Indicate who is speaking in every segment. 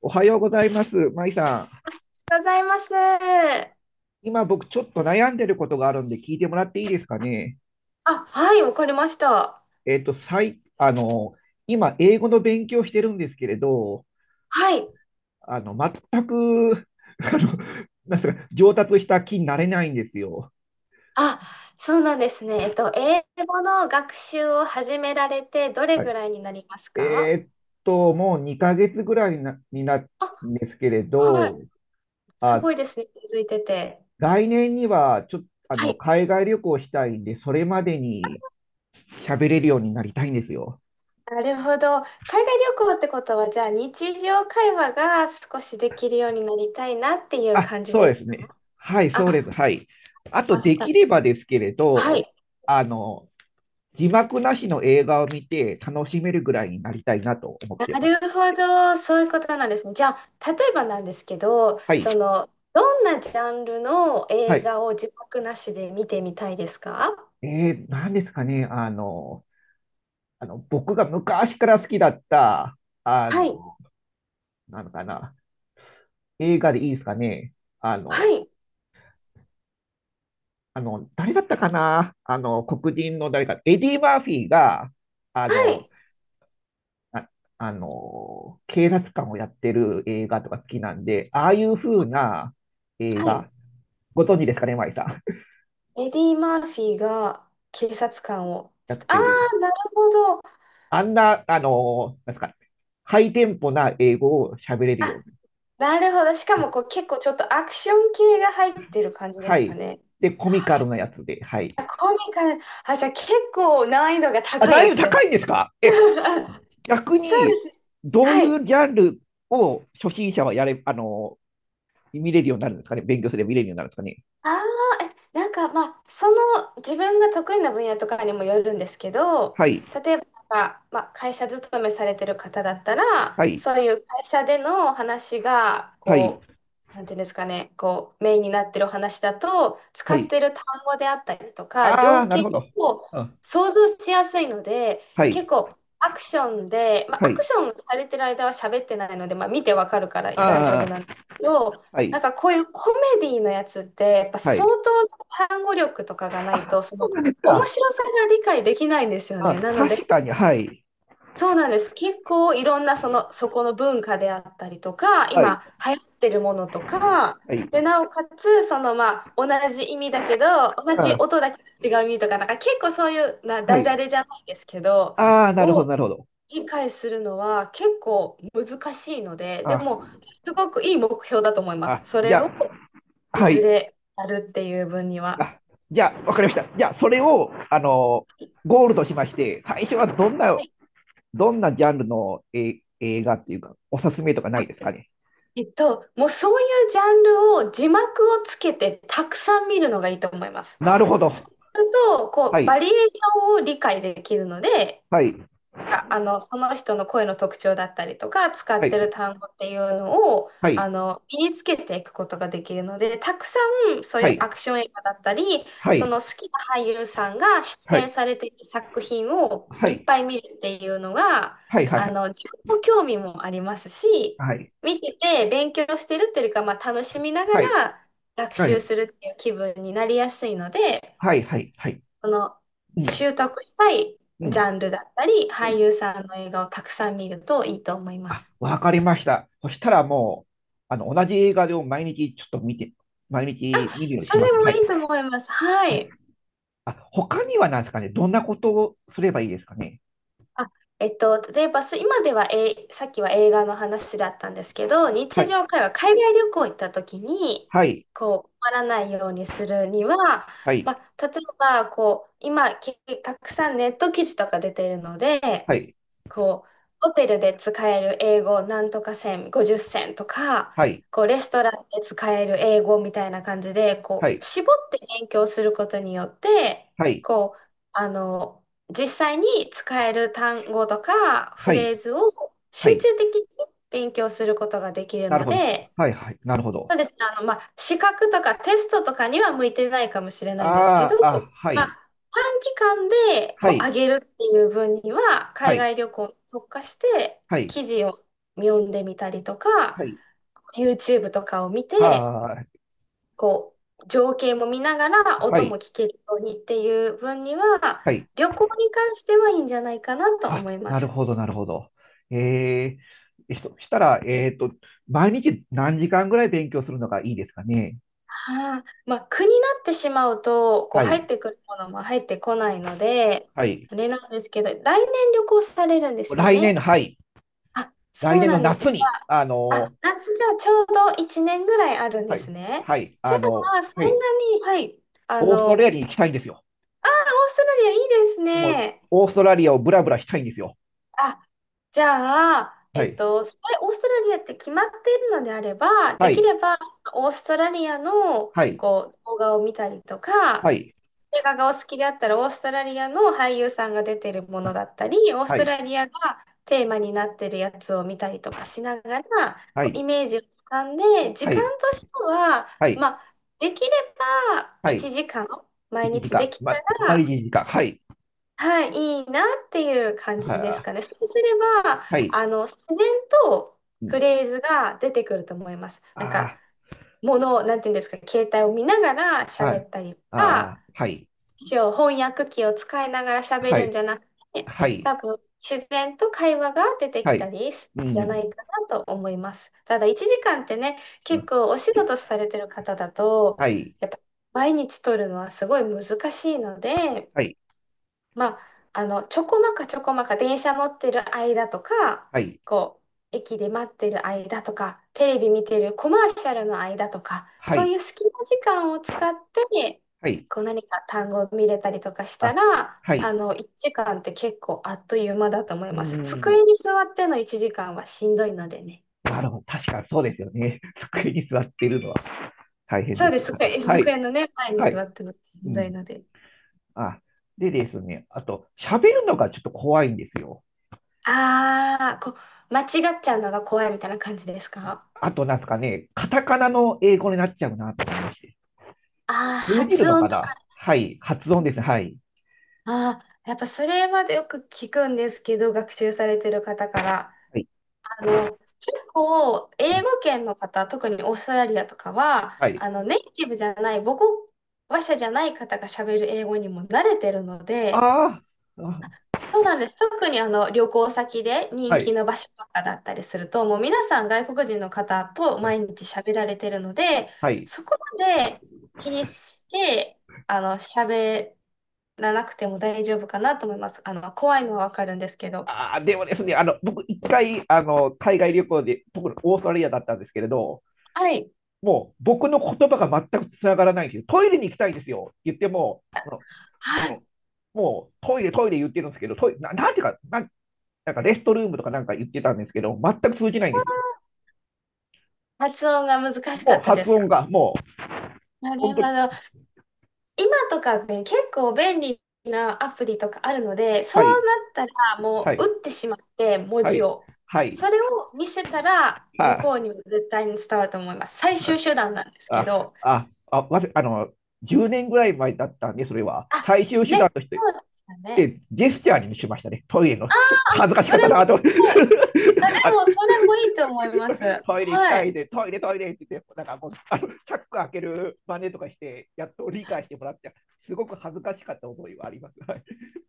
Speaker 1: おはようございます。まいさ
Speaker 2: ございます。
Speaker 1: ん。今僕ちょっと悩んでることがあるんで聞いてもらっていいですかね？
Speaker 2: はい、わかりました。
Speaker 1: えっと、さい、あの、今英語の勉強してるんですけれど、
Speaker 2: はい。
Speaker 1: あの、全く、あの、なんすか、上達した気になれないんですよ。
Speaker 2: あ、そうなんですね。英語の学習を始められて、どれ
Speaker 1: は
Speaker 2: ぐ
Speaker 1: い。
Speaker 2: らいになります
Speaker 1: え
Speaker 2: か？
Speaker 1: ーっもう2ヶ月ぐらいになる
Speaker 2: あ、
Speaker 1: んですけれ
Speaker 2: は
Speaker 1: ど、
Speaker 2: い。す
Speaker 1: あ、
Speaker 2: ごいですね、続いてて。
Speaker 1: 来年にはちょっと、
Speaker 2: はい。
Speaker 1: 海外旅行したいんで、それまでに喋れるようになりたいんですよ。
Speaker 2: なるほど。海外旅行ってことは、じゃあ日常会話が少しできるようになりたいなっていう
Speaker 1: あ、
Speaker 2: 感じ
Speaker 1: そう
Speaker 2: で
Speaker 1: で
Speaker 2: す。
Speaker 1: すね。はい、
Speaker 2: あ、
Speaker 1: そうです。はい。あと、
Speaker 2: マス
Speaker 1: で
Speaker 2: ター。
Speaker 1: きればですけれ
Speaker 2: は
Speaker 1: ど、
Speaker 2: い。
Speaker 1: あの、字幕なしの映画を見て楽しめるぐらいになりたいなと思っ
Speaker 2: な
Speaker 1: ています。
Speaker 2: るほど、そういうことなんですね。じゃあ、例えばなんですけど、
Speaker 1: はい。
Speaker 2: その、どんなジャンルの
Speaker 1: は
Speaker 2: 映
Speaker 1: い。
Speaker 2: 画を字幕なしで見てみたいですか？
Speaker 1: 何ですかね。僕が昔から好きだった、あ
Speaker 2: はい、
Speaker 1: の、なのかな。映画でいいですかね。あ
Speaker 2: は
Speaker 1: の、
Speaker 2: い、
Speaker 1: 誰だったかな。黒人の誰か、エディ・マーフィーが、あ
Speaker 2: は
Speaker 1: の、
Speaker 2: い、
Speaker 1: あ、警察官をやってる映画とか好きなんで、ああいう風な映
Speaker 2: はい。
Speaker 1: 画、ご存知ですかね、マイさん。
Speaker 2: エディ・マーフィーが警察官を
Speaker 1: や
Speaker 2: して、
Speaker 1: っ
Speaker 2: あ
Speaker 1: てる。
Speaker 2: あ、なるほど。
Speaker 1: あんな、あの、なんですか、ハイテンポな英語を喋れるよ
Speaker 2: あ、
Speaker 1: うに。
Speaker 2: なるほど。しかもこう、結構ちょっとアクション系が入ってる感じで
Speaker 1: は
Speaker 2: すか
Speaker 1: い。
Speaker 2: ね。
Speaker 1: で、コミカルなやつで、はい。
Speaker 2: あ、コミカル。あ、じゃあ結構難易度が
Speaker 1: あ、
Speaker 2: 高い
Speaker 1: 難
Speaker 2: や
Speaker 1: 易度
Speaker 2: つで
Speaker 1: 高
Speaker 2: す。
Speaker 1: いんですかえ、逆
Speaker 2: そうで
Speaker 1: に、
Speaker 2: す。
Speaker 1: どう
Speaker 2: は
Speaker 1: い
Speaker 2: い。
Speaker 1: うジャンルを初心者はやれ、あの、見れるようになるんですかね。勉強すれば見れるようになるんですかね？
Speaker 2: ああ、え、なんかまあ、その自分が得意な分野とかにもよるんですけど、
Speaker 1: はい、
Speaker 2: 例えばなんか、まあ、会社勤めされてる方だったら、
Speaker 1: はい、
Speaker 2: そういう会社での話が、
Speaker 1: はい、
Speaker 2: こう、なんていうんですかね、こう、メインになってるお話だと、使
Speaker 1: は
Speaker 2: っ
Speaker 1: い。
Speaker 2: てる単語であったりとか、
Speaker 1: ああ、
Speaker 2: 情
Speaker 1: なる
Speaker 2: 景
Speaker 1: ほど。
Speaker 2: を
Speaker 1: うん。
Speaker 2: 想像しやすいので、
Speaker 1: は
Speaker 2: 結
Speaker 1: い、
Speaker 2: 構、アクションで、まあ、
Speaker 1: は
Speaker 2: アク
Speaker 1: い。
Speaker 2: ションされてる間は喋ってないので、まあ、見てわかるから大丈夫なんですけど、なんかこういうコメディのやつって、やっぱ相当単語力とかがないと、その面白さが理解できないんですよね。なので、そうなんです。結構いろんなその、そこの文化であったりとか、今流行ってるものとか、で、なおかつ、そのまあ、同じ意味だけど、同じ音だけど違う意味とか、なんか結構そういうな、ダジャレじゃないですけど、を理解するのは結構難しいので、でも、すごくいい目標だと思います、それをいずれやるっていう分には。はい。えっと、もうそういうジャンルを字幕をつけてたくさん見るのがいいと思います。そうすると、こう、バリエーションを理解できるので、ああの、その人の声の特徴だったりとか、使ってる単語っていうのを、あの、身につけていくことができるので、たくさんそういうアクション映画だったり、その好きな俳優さんが出演されている作品をいっぱい見るっていうのが、あの、自分の興味もありますし、見てて勉強してるっていうか、まあ、楽しみながら学習するっていう気分になりやすいので、その、習得したいジャンルだったり、
Speaker 1: う
Speaker 2: 俳
Speaker 1: ん。
Speaker 2: 優さんの映画をたくさん見るといいと思いま
Speaker 1: あ、
Speaker 2: す。
Speaker 1: わかりました。そしたらもう、同じ映画を毎日ちょっと見て、毎日見るように
Speaker 2: そ
Speaker 1: し
Speaker 2: れ
Speaker 1: ます。
Speaker 2: も
Speaker 1: はい。
Speaker 2: いいと思います。はい。
Speaker 1: あ、他には何ですかね。どんなことをすればいいですかね？
Speaker 2: あえっと、例えばす今では、さっきは映画の話だったんですけど、
Speaker 1: は
Speaker 2: 日
Speaker 1: い。
Speaker 2: 常会話、海外旅行行った時に、
Speaker 1: はい。
Speaker 2: こう、困らないようにするには、
Speaker 1: はい。
Speaker 2: まあ、例えば、こう、今、けたくさんネット記事とか出ているので、
Speaker 1: はい。
Speaker 2: こう、ホテルで使える英語なんとか線、50線とか、
Speaker 1: はい。
Speaker 2: こう、レストランで使える英語みたいな感じで、
Speaker 1: は
Speaker 2: こう、
Speaker 1: い。
Speaker 2: 絞って勉強することによって、
Speaker 1: はい。
Speaker 2: こう、あの、実際に使える単語とかフ
Speaker 1: はい。
Speaker 2: レーズを
Speaker 1: は
Speaker 2: 集
Speaker 1: い。
Speaker 2: 中的に勉強することができる
Speaker 1: なる
Speaker 2: の
Speaker 1: ほど。
Speaker 2: で、
Speaker 1: はい。はい。なるほど。
Speaker 2: そうですね、あの、まあ、資格とかテストとかには向いてないかもしれないんですけ
Speaker 1: あ
Speaker 2: ど、
Speaker 1: ーあ、は
Speaker 2: ま
Speaker 1: い。
Speaker 2: あ、短期間で
Speaker 1: は
Speaker 2: こう上
Speaker 1: い。
Speaker 2: げるっていう分には、
Speaker 1: は
Speaker 2: 海
Speaker 1: い。
Speaker 2: 外旅行に特化して
Speaker 1: はい。
Speaker 2: 記事を読んでみたりと
Speaker 1: は
Speaker 2: か、
Speaker 1: い。
Speaker 2: YouTube とかを見て、
Speaker 1: はーい。
Speaker 2: こう、情景も見ながら
Speaker 1: は
Speaker 2: 音も
Speaker 1: い。
Speaker 2: 聞けるようにっていう分には、
Speaker 1: はい。
Speaker 2: 旅行に関してはいいんじゃないかなと思
Speaker 1: あ、
Speaker 2: いま
Speaker 1: なる
Speaker 2: す。
Speaker 1: ほど、なるほど。えそしたら、毎日何時間ぐらい勉強するのがいいですかね？
Speaker 2: はあ、まあ、苦になってしまうと、こう、
Speaker 1: は
Speaker 2: 入っ
Speaker 1: い、
Speaker 2: てくるものも入ってこないので、
Speaker 1: はい。
Speaker 2: あれなんですけど、来年旅行されるんですよ
Speaker 1: 来年
Speaker 2: ね。
Speaker 1: の、はい、
Speaker 2: あ、そ
Speaker 1: 来
Speaker 2: う
Speaker 1: 年
Speaker 2: な
Speaker 1: の
Speaker 2: んです。
Speaker 1: 夏
Speaker 2: じゃ
Speaker 1: に、
Speaker 2: あ、あ夏じゃあちょうど1年ぐらいあるん
Speaker 1: は
Speaker 2: です
Speaker 1: い、
Speaker 2: ね。
Speaker 1: はい、
Speaker 2: じゃあ、そ
Speaker 1: は
Speaker 2: ん
Speaker 1: い、
Speaker 2: なに、はい、あ
Speaker 1: オース
Speaker 2: の、
Speaker 1: トラ
Speaker 2: オー
Speaker 1: リアに行きたいんですよ。
Speaker 2: ストラリアいいです
Speaker 1: もう、
Speaker 2: ね。
Speaker 1: オーストラリアをブラブラしたいんですよ。
Speaker 2: あ、じゃあ、
Speaker 1: は
Speaker 2: えっ
Speaker 1: い、
Speaker 2: と、それオーストラリアって決まっているのであれば、
Speaker 1: は
Speaker 2: でき
Speaker 1: い、
Speaker 2: ればオーストラリアの
Speaker 1: はい、
Speaker 2: こう動画を見たりと
Speaker 1: は
Speaker 2: か、
Speaker 1: い、
Speaker 2: 映画がお好きであったらオーストラリアの俳優さんが出てるものだったり、オース
Speaker 1: は
Speaker 2: ト
Speaker 1: い、
Speaker 2: ラリアがテーマになってるやつを見たりとかしながら、
Speaker 1: は
Speaker 2: こうイ
Speaker 1: い、
Speaker 2: メージをつかんで、時
Speaker 1: は
Speaker 2: 間
Speaker 1: い、
Speaker 2: としては、
Speaker 1: はい、
Speaker 2: まあ、できれば
Speaker 1: はい、
Speaker 2: 1時間毎
Speaker 1: 1
Speaker 2: 日で
Speaker 1: 時
Speaker 2: き
Speaker 1: 間、
Speaker 2: た
Speaker 1: ま、毎
Speaker 2: ら
Speaker 1: 日1時間、はい、
Speaker 2: はい、いいなっていう感じ
Speaker 1: は
Speaker 2: です
Speaker 1: あ、
Speaker 2: かね。そうすれば、
Speaker 1: はい、
Speaker 2: あの、自然とフレーズが出てくると思います。なんか、
Speaker 1: あ
Speaker 2: ものを、なんていうんですか、携帯を見ながら
Speaker 1: ー、は
Speaker 2: 喋
Speaker 1: い、
Speaker 2: ったりと
Speaker 1: あ
Speaker 2: か、
Speaker 1: ー、はい。
Speaker 2: 一応翻訳機を使いながら喋
Speaker 1: は
Speaker 2: るんじ
Speaker 1: い、
Speaker 2: ゃなくて、
Speaker 1: は
Speaker 2: 多
Speaker 1: い、
Speaker 2: 分、自然と会話が出て
Speaker 1: は
Speaker 2: きた
Speaker 1: い、
Speaker 2: りする
Speaker 1: う
Speaker 2: んじゃな
Speaker 1: ん、
Speaker 2: いかなと思います。ただ、1時間ってね、
Speaker 1: う
Speaker 2: 結
Speaker 1: ん
Speaker 2: 構お仕
Speaker 1: け、
Speaker 2: 事されてる方だと、
Speaker 1: はい、
Speaker 2: やっぱ、毎日取るのはすごい難しいので、
Speaker 1: はい、
Speaker 2: まあ、あの、ちょこまかちょこまか電車乗ってる間とか、
Speaker 1: はい、
Speaker 2: こう、駅で待ってる間とか、テレビ見てるコマーシャルの間とか、
Speaker 1: は
Speaker 2: そう
Speaker 1: い、
Speaker 2: いう隙間時間を使って、
Speaker 1: はい、
Speaker 2: こう何か単語を見れたりとかした
Speaker 1: あ、
Speaker 2: ら、
Speaker 1: は
Speaker 2: あ
Speaker 1: い、
Speaker 2: の、1時間って結構あっという間だと思い
Speaker 1: う
Speaker 2: ます。
Speaker 1: ん、
Speaker 2: 机に座っての1時間はしんどいのでね。
Speaker 1: なるほど、確かにそうですよね。机に座っているのは大変
Speaker 2: そう
Speaker 1: で
Speaker 2: で
Speaker 1: す。
Speaker 2: す。机、
Speaker 1: はい、
Speaker 2: 机のね、前に
Speaker 1: は
Speaker 2: 座
Speaker 1: い、
Speaker 2: ってのし
Speaker 1: う
Speaker 2: んどい
Speaker 1: ん、
Speaker 2: ので。
Speaker 1: あ、で、ですね、あと、喋るのがちょっと怖いんですよ。
Speaker 2: あー、こう、間違っちゃうのが怖いみたいな感じですか？
Speaker 1: あと、なんですかね、カタカナの英語になっちゃうなと思いまして。
Speaker 2: ああー、
Speaker 1: 通じる
Speaker 2: 発
Speaker 1: の
Speaker 2: 音
Speaker 1: か
Speaker 2: と、
Speaker 1: な。はい、発音ですね。はい、
Speaker 2: ああ、やっぱそれまでよく聞くんですけど、学習されてる方から。
Speaker 1: はい、
Speaker 2: あの、結構、英語圏の方、特にオーストラリアとかは、
Speaker 1: はい。
Speaker 2: あの、ネイティブじゃない、母語話者じゃない方が喋る英語にも慣れてるので、
Speaker 1: あーあ、
Speaker 2: そうなんです。特にあの旅行先で人気の場所とかだったりすると、もう皆さん外国人の方と
Speaker 1: はい、
Speaker 2: 毎日喋られてるので、
Speaker 1: はい。
Speaker 2: そこまで気にして、あの、喋らなくても大丈夫かなと思います。あの、怖いのはわかるんですけど。
Speaker 1: あ、でもですね、僕、一回海外旅行で、僕、オーストラリアだったんですけれど、
Speaker 2: はい。
Speaker 1: もう僕の言葉が全くつながらないんですよ。トイレに行きたいんですよって言っても、
Speaker 2: はい。
Speaker 1: ももうトイレ、トイレ言ってるんですけど、トイレな、なんていうか、なんかレストルームとかなんか言ってたんですけど、全く通じないんですよ。
Speaker 2: 発音が難しか
Speaker 1: もう
Speaker 2: ったで
Speaker 1: 発
Speaker 2: すか？
Speaker 1: 音が、もう
Speaker 2: なる
Speaker 1: 本
Speaker 2: ほ
Speaker 1: 当に、
Speaker 2: ど。今とかね、結構便利なアプリとかあるので、そう
Speaker 1: はい、
Speaker 2: なったら
Speaker 1: は
Speaker 2: もう
Speaker 1: い、
Speaker 2: 打ってしまって、文
Speaker 1: は
Speaker 2: 字
Speaker 1: い、
Speaker 2: を。
Speaker 1: は
Speaker 2: そ
Speaker 1: い、
Speaker 2: れを見せたら、向
Speaker 1: あ、
Speaker 2: こうにも絶対に伝わると思います。最終手段なんですけ
Speaker 1: あ、
Speaker 2: ど。
Speaker 1: あ、あ、あ、わせあの、10年ぐらい前だったんで、それは。
Speaker 2: あ、
Speaker 1: 最終手
Speaker 2: ね、
Speaker 1: 段として、
Speaker 2: そうですよね。
Speaker 1: で、ジェスチャーにしましたね、トイレの。
Speaker 2: あ、
Speaker 1: 恥ずかし
Speaker 2: そ
Speaker 1: かっ
Speaker 2: れ
Speaker 1: た
Speaker 2: も
Speaker 1: なと。
Speaker 2: すごい。あ、
Speaker 1: あ。
Speaker 2: でも、それもいいと思います。
Speaker 1: トイレ行き
Speaker 2: は
Speaker 1: たい
Speaker 2: い。
Speaker 1: で、トイレ、トイレって言って、なんかもう、チャック開ける真似とかして、やっと理解してもらって、すごく恥ずかしかった思いはあります。はい。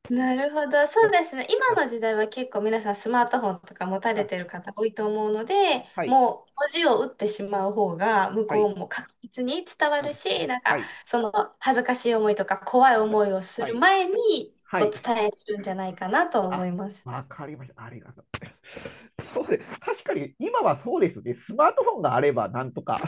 Speaker 2: なるほど。そうですね。今
Speaker 1: あ
Speaker 2: の時代は結構皆さんスマートフォンとか持たれて
Speaker 1: あ、
Speaker 2: る方多いと思うので、
Speaker 1: はい、
Speaker 2: もう文字を打ってしまう方が向
Speaker 1: は
Speaker 2: こ
Speaker 1: い、
Speaker 2: うも確実に伝わ
Speaker 1: あ、
Speaker 2: るし、なん
Speaker 1: は
Speaker 2: か
Speaker 1: い、
Speaker 2: その恥ずかしい思いとか怖い
Speaker 1: はい、
Speaker 2: 思いをす
Speaker 1: は
Speaker 2: る
Speaker 1: い、
Speaker 2: 前に
Speaker 1: は
Speaker 2: こう
Speaker 1: い。
Speaker 2: 伝えるんじゃないかなと思
Speaker 1: あ、
Speaker 2: います。
Speaker 1: わかりました。ありがとうございます。そうです、確かに、今はそうですね。スマートフォンがあれば、なんとか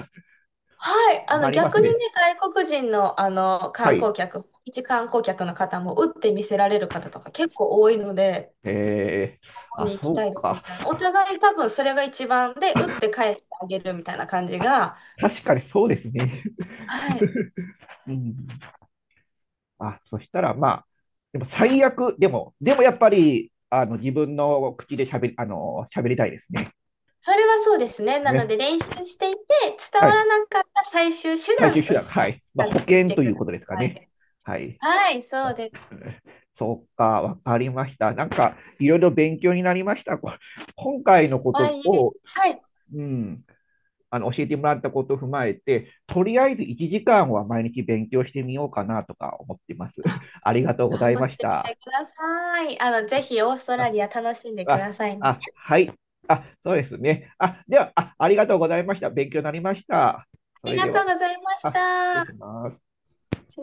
Speaker 2: はい。あ
Speaker 1: な
Speaker 2: の
Speaker 1: ります
Speaker 2: 逆にね、
Speaker 1: ね。
Speaker 2: 外国人のあの
Speaker 1: は
Speaker 2: 観
Speaker 1: い。
Speaker 2: 光客、一観光客の方も打って見せられる方とか結構多いので、
Speaker 1: えー、
Speaker 2: ここ
Speaker 1: あ、
Speaker 2: に行き
Speaker 1: そ
Speaker 2: た
Speaker 1: う
Speaker 2: いですみ
Speaker 1: か。
Speaker 2: たいな。お互い多分それが一番で、打って返してあげるみたいな感じ
Speaker 1: あ、
Speaker 2: が、
Speaker 1: 確かにそうですね。
Speaker 2: はい。
Speaker 1: うん。あ、そしたらまあ、でも最悪、でもやっぱり、自分の口で喋りたいですね。
Speaker 2: それはそうですね。なの
Speaker 1: ね。
Speaker 2: で練習していて、伝
Speaker 1: は
Speaker 2: わら
Speaker 1: い。
Speaker 2: なかった最終手
Speaker 1: 最終
Speaker 2: 段
Speaker 1: 手
Speaker 2: と
Speaker 1: 段。
Speaker 2: して
Speaker 1: はい。ま
Speaker 2: 使
Speaker 1: あ、
Speaker 2: っ
Speaker 1: 保
Speaker 2: てみ
Speaker 1: 険
Speaker 2: て
Speaker 1: とい
Speaker 2: く
Speaker 1: う
Speaker 2: だ
Speaker 1: ことですか
Speaker 2: さ
Speaker 1: ね。
Speaker 2: い。
Speaker 1: はい。
Speaker 2: はい、そう
Speaker 1: あ、
Speaker 2: です。
Speaker 1: そうか、わかりました。なんか、いろいろ勉強になりました。今回のこ
Speaker 2: は
Speaker 1: と
Speaker 2: いえ、
Speaker 1: を。
Speaker 2: はい。
Speaker 1: うん。教えてもらったことを踏まえて、とりあえず1時間は毎日勉強してみようかなとか思っています。ありがとうござ
Speaker 2: 頑
Speaker 1: い
Speaker 2: 張っ
Speaker 1: まし
Speaker 2: てみて
Speaker 1: た。
Speaker 2: ください。あの、ぜひオーストラ
Speaker 1: あ、
Speaker 2: リア楽しんでく
Speaker 1: あ、
Speaker 2: ださいね。
Speaker 1: あ、はい。あ、そうですね。あ、では、あ、ありがとうございました。勉強になりました。そ
Speaker 2: あり
Speaker 1: れ
Speaker 2: が
Speaker 1: で
Speaker 2: と
Speaker 1: は、
Speaker 2: うございまし
Speaker 1: あ、失礼し
Speaker 2: た。
Speaker 1: ます。